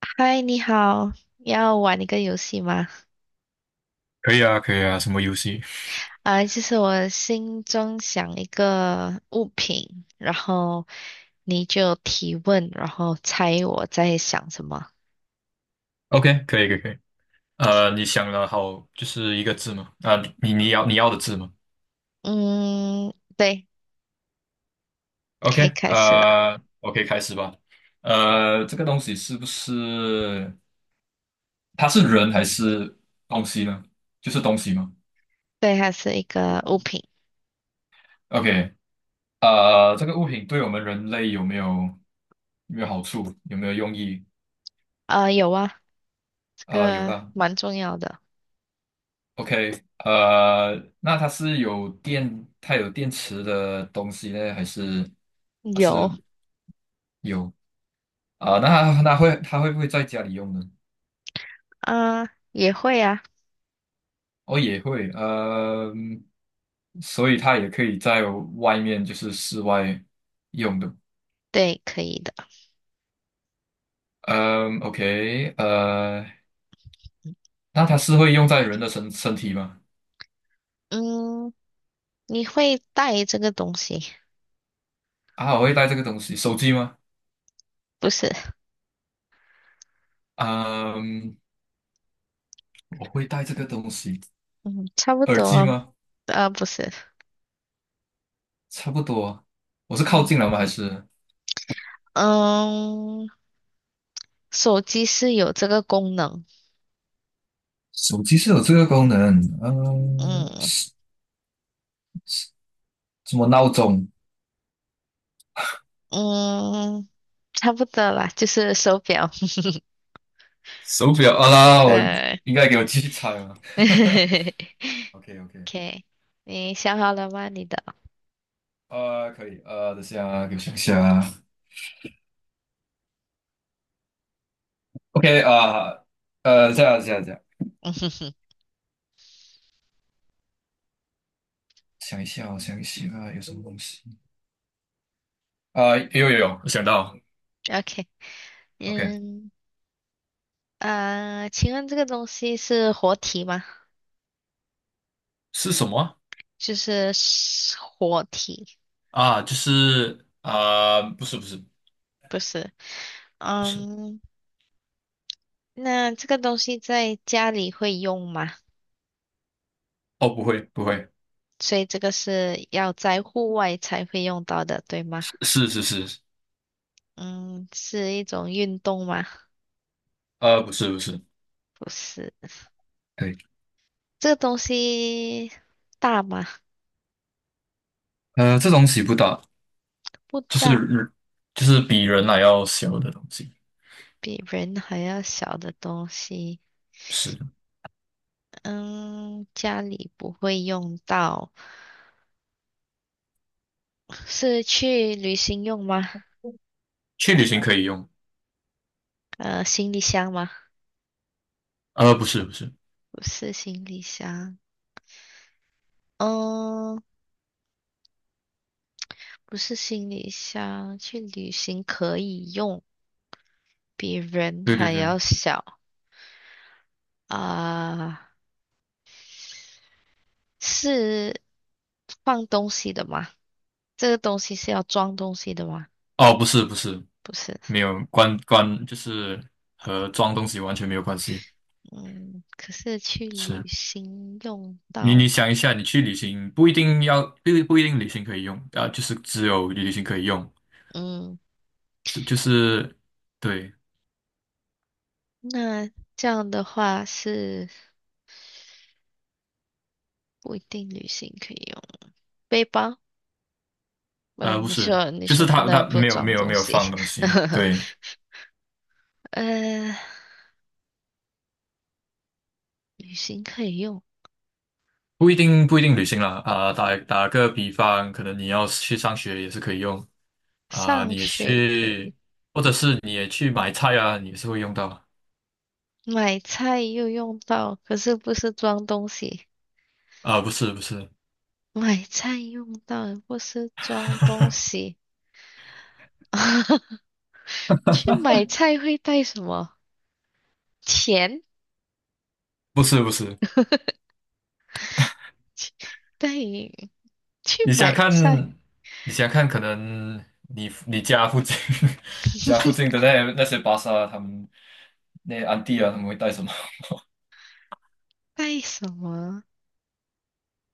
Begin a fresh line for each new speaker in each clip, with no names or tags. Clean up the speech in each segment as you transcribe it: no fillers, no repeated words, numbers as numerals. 嗨，你好，要玩一个游戏吗？
可以啊，可以啊，什么游戏
就是我心中想一个物品，然后你就提问，然后猜我在想什么。
？OK，可以，可以，可以。你想了好，就是一个字吗？啊、你你要你要的字吗
嗯，对，可以
？OK，
开始了。
OK，开始吧。这个东西是不是它是人还是东西呢？就是东西吗
对，还是一个物品。
？OK，这个物品对我们人类有没有有没有好处？有没有用意？
有啊，这
有
个
啦。
蛮重要的。
OK，那它是有电，它有电池的东西呢，还是它是
有
有啊，那他会不会在家里用呢？
啊、也会啊，
哦，也会，嗯，所以它也可以在外面，就是室外用的。
对，可以的。
嗯，OK，那它是会用在人的身体吗？
嗯，你会带这个东西？
啊，我会带这个东西，手机吗？
不是，
嗯，我会带这个东西，
嗯，差不
耳机
多，
吗？
呃，不是，
差不多，我是靠近了
嗯
吗？还是
嗯。手机是有这个功能，
手机是有这个功能？嗯，
嗯
什么闹钟？
嗯，差不多啦，就是手表，
手表啊啦，我
对
应该给我继续猜啊。OK OK，
，OK，你想好了吗？你的
可以，等下啊给我想一下啊。OK 啊、这样，想一下哦，我想一下啊，有什么东西啊、有，我想到
，OK，
，OK，
嗯请问这个东西是活体吗？
是什么
就是活体，
啊？啊就是啊、
不是，
不是，
嗯，那这个东西在家里会用吗？
哦，不会不会，
所以这个是要在户外才会用到的，对吗？
是是是，
嗯，是一种运动吗？
不是不是，
不是，
对，
这个东西大吗？
这东西不大，
不
就
大，
是就是比人还要小的东西，
比人还要小的东西。
是
嗯，家里不会用到，是去旅行用吗？
去旅行可以用，
呃，行李箱吗？
不是不是。
不是行李箱。嗯，不是行李箱，去旅行可以用，比人
对对
还
对，
要小啊，是放东西的吗？这个东西是要装东西的吗？
哦，不是不是，
不是，
没有关关，就是和装东西完全没有关系。
嗯，可是去
是
旅行用
你
到，
你想一下，你去旅行不一定旅行可以用啊，就是只有旅行可以用，
嗯，
是就是对，
那这样的话是不一定旅行可以用背包。嗯，
不
你
是，
说你
就是
说不
他
能
他
不
没有没
装
有
东
没有
西，
放东西，对，
呃，旅行可以用，
不一定旅行啦啊，打个比方，可能你要去上学也是可以用啊，
上
你也
学可以，
去或者是你也去买菜啊，你也是会用到
买菜又用到，可是不是装东西，
啊，不是不是。
买菜用到不是装东西，去买菜会带什么？钱？
不是不是，
带你去
你想
买菜，
看，你想看，可能你家附近 家附近的 那些巴萨，他们那些安迪啊，他们会带什么？
带什么？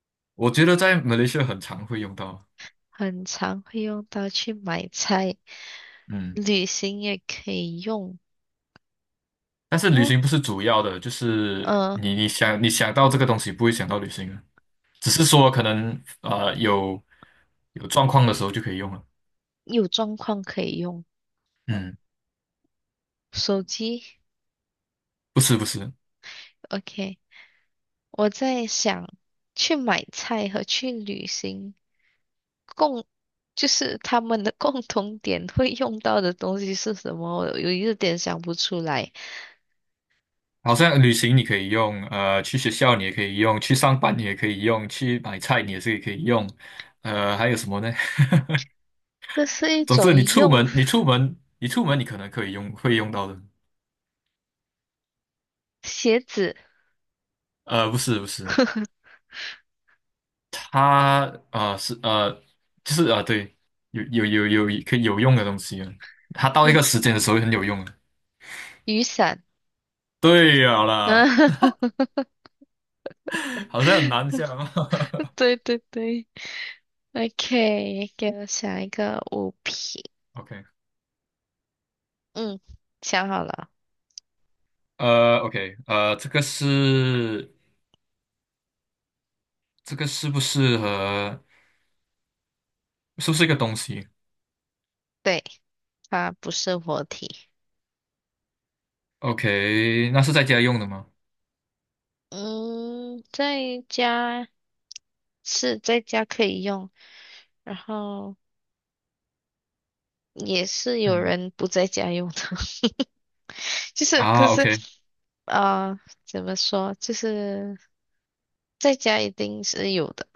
我觉得在马来西亚很常会用到，
很常会用到去买菜，
嗯，
旅行也可以用。
但是旅
嗯，
行不是主要的，就是
呃，
你想到这个东西，不会想到旅行啊，只是说可能有有状况的时候就可以用了，
有状况可以用
嗯，
手机。
不是不是。
OK，我在想去买菜和去旅行共，就是他们的 共同点会用到的东西是什么？我有一点想不出来。
好像旅行你可以用，去学校你也可以用，去上班你也可以用，去买菜你也是可以用，还有什么呢？
这是一
总之
种
你出
用
门，你出门，你出门你可能可以用，会用到的。
鞋子，
不是不是，它呃是呃就是对，有可以有用的东西啊，它到一
用
个时间的时候会很有用的。
雨伞。
对呀
啊，
啦，好像很难想啊。
对对对。OK，给我想一个物品。
OK，
嗯，想好了，
OK，这个是不是和是不是一个东西？
对，它不是活体。
OK，那是在家用的吗？
嗯，在家是在家可以用，然后也是有
嗯
人不在家用的，就是可
啊
是
，OK，
啊，怎么说，就是在家一定是有的。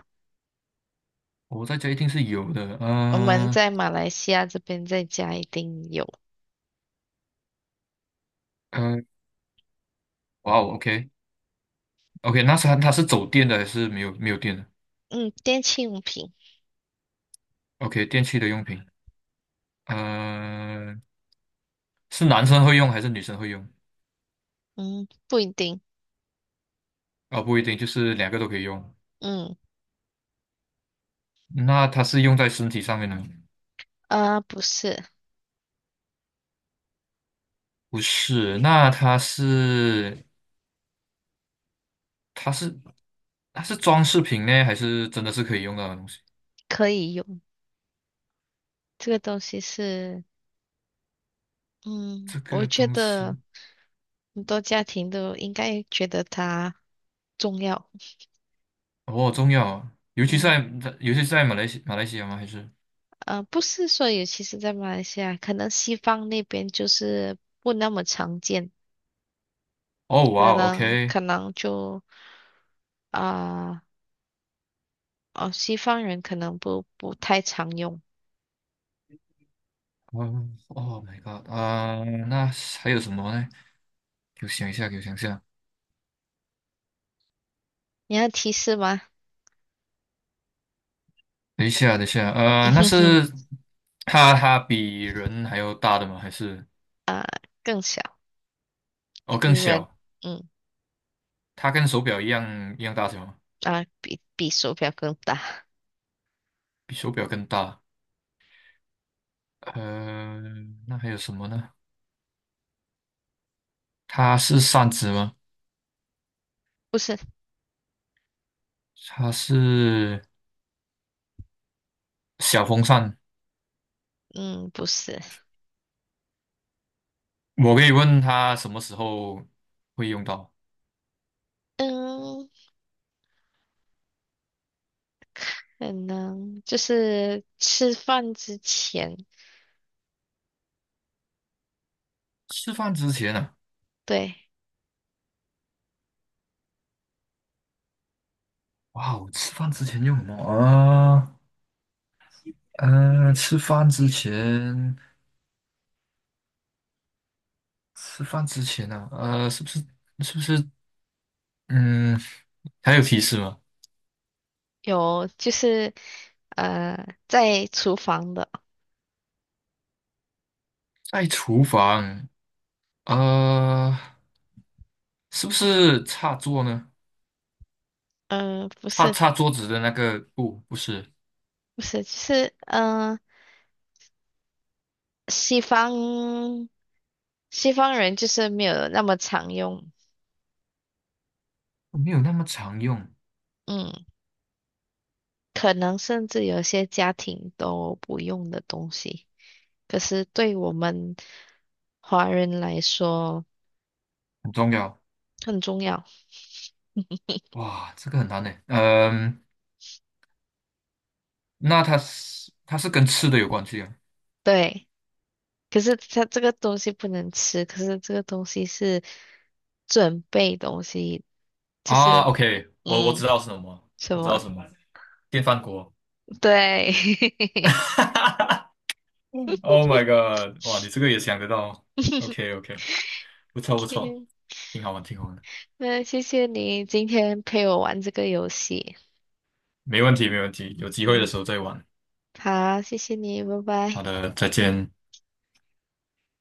我在家一定是有的。
我们在马来西亚这边在家一定有，
呃，哇哦，OK，OK，那是它是走电的还是没有电的
嗯，电器用品。
？OK，电器的用品，呃，是男生会用还是女生会用？
嗯，不一定。
啊，不一定，就是两个都可以用。
嗯，
那它是用在身体上面的吗？
啊，不是，
不是，那它是它是装饰品呢，还是真的是可以用到的东西？
可以用。这个东西是，嗯，
这
我
个
觉
东
得
西
很多家庭都应该觉得它重要。
哦，中药，尤其是
嗯，
在尤其是在马来西亚吗？还是
呃，不是说，尤其是在马来西亚，可能西方那边就是不那么常见，
哦，
可
哇哦
能
，OK，
可能就啊、哦，西方人可能不太常用。
嗯，Oh my God，啊、那还有什么呢？给我想一下，给我想一下，
你要提示吗？
等一下，等一下，
嗯
那
哼哼，
是它比人还要大的吗？还是
更小，
哦更
比人，
小？
嗯
它跟手表一样大小吗？
啊，比手表更大。
比手表更大。呃，那还有什么呢？它是扇子吗？
不是。
它是小风扇。
嗯，不是，
我可以问它什么时候会用到？
嗯，可能就是吃饭之前，
吃饭之前呢？
对，
哇哦，吃饭之前用什么啊？吃饭之前，吃饭之前呢？啊呃，是不是是不是嗯，还有提示吗？
有就是呃，在厨房的，
在厨房，呃，是不是擦桌呢？
嗯、不
擦
是，
擦桌子的那个布不是，
不是，就是西方西方人就是没有那么常用，
没有那么常用，
嗯，可能甚至有些家庭都不用的东西，可是对我们华人来说
很重要。
很重要，
哇，这个很难呢。嗯、那它是跟吃的有关系啊？
对。可是它这个东西不能吃，可是这个东西是准备东西，就
啊
是
，OK，我
嗯
知道是什么，
什
我知道
么？
什么，电饭锅。
对，
哈 Oh my god！哇，你这个也想得到 ？OK OK，不错不错，
OK，
挺好玩的
那谢谢你今天陪我玩这个游戏
没问题没问题，有机会的时
好，
候再玩。
好，谢谢你，拜拜。
好的，再见。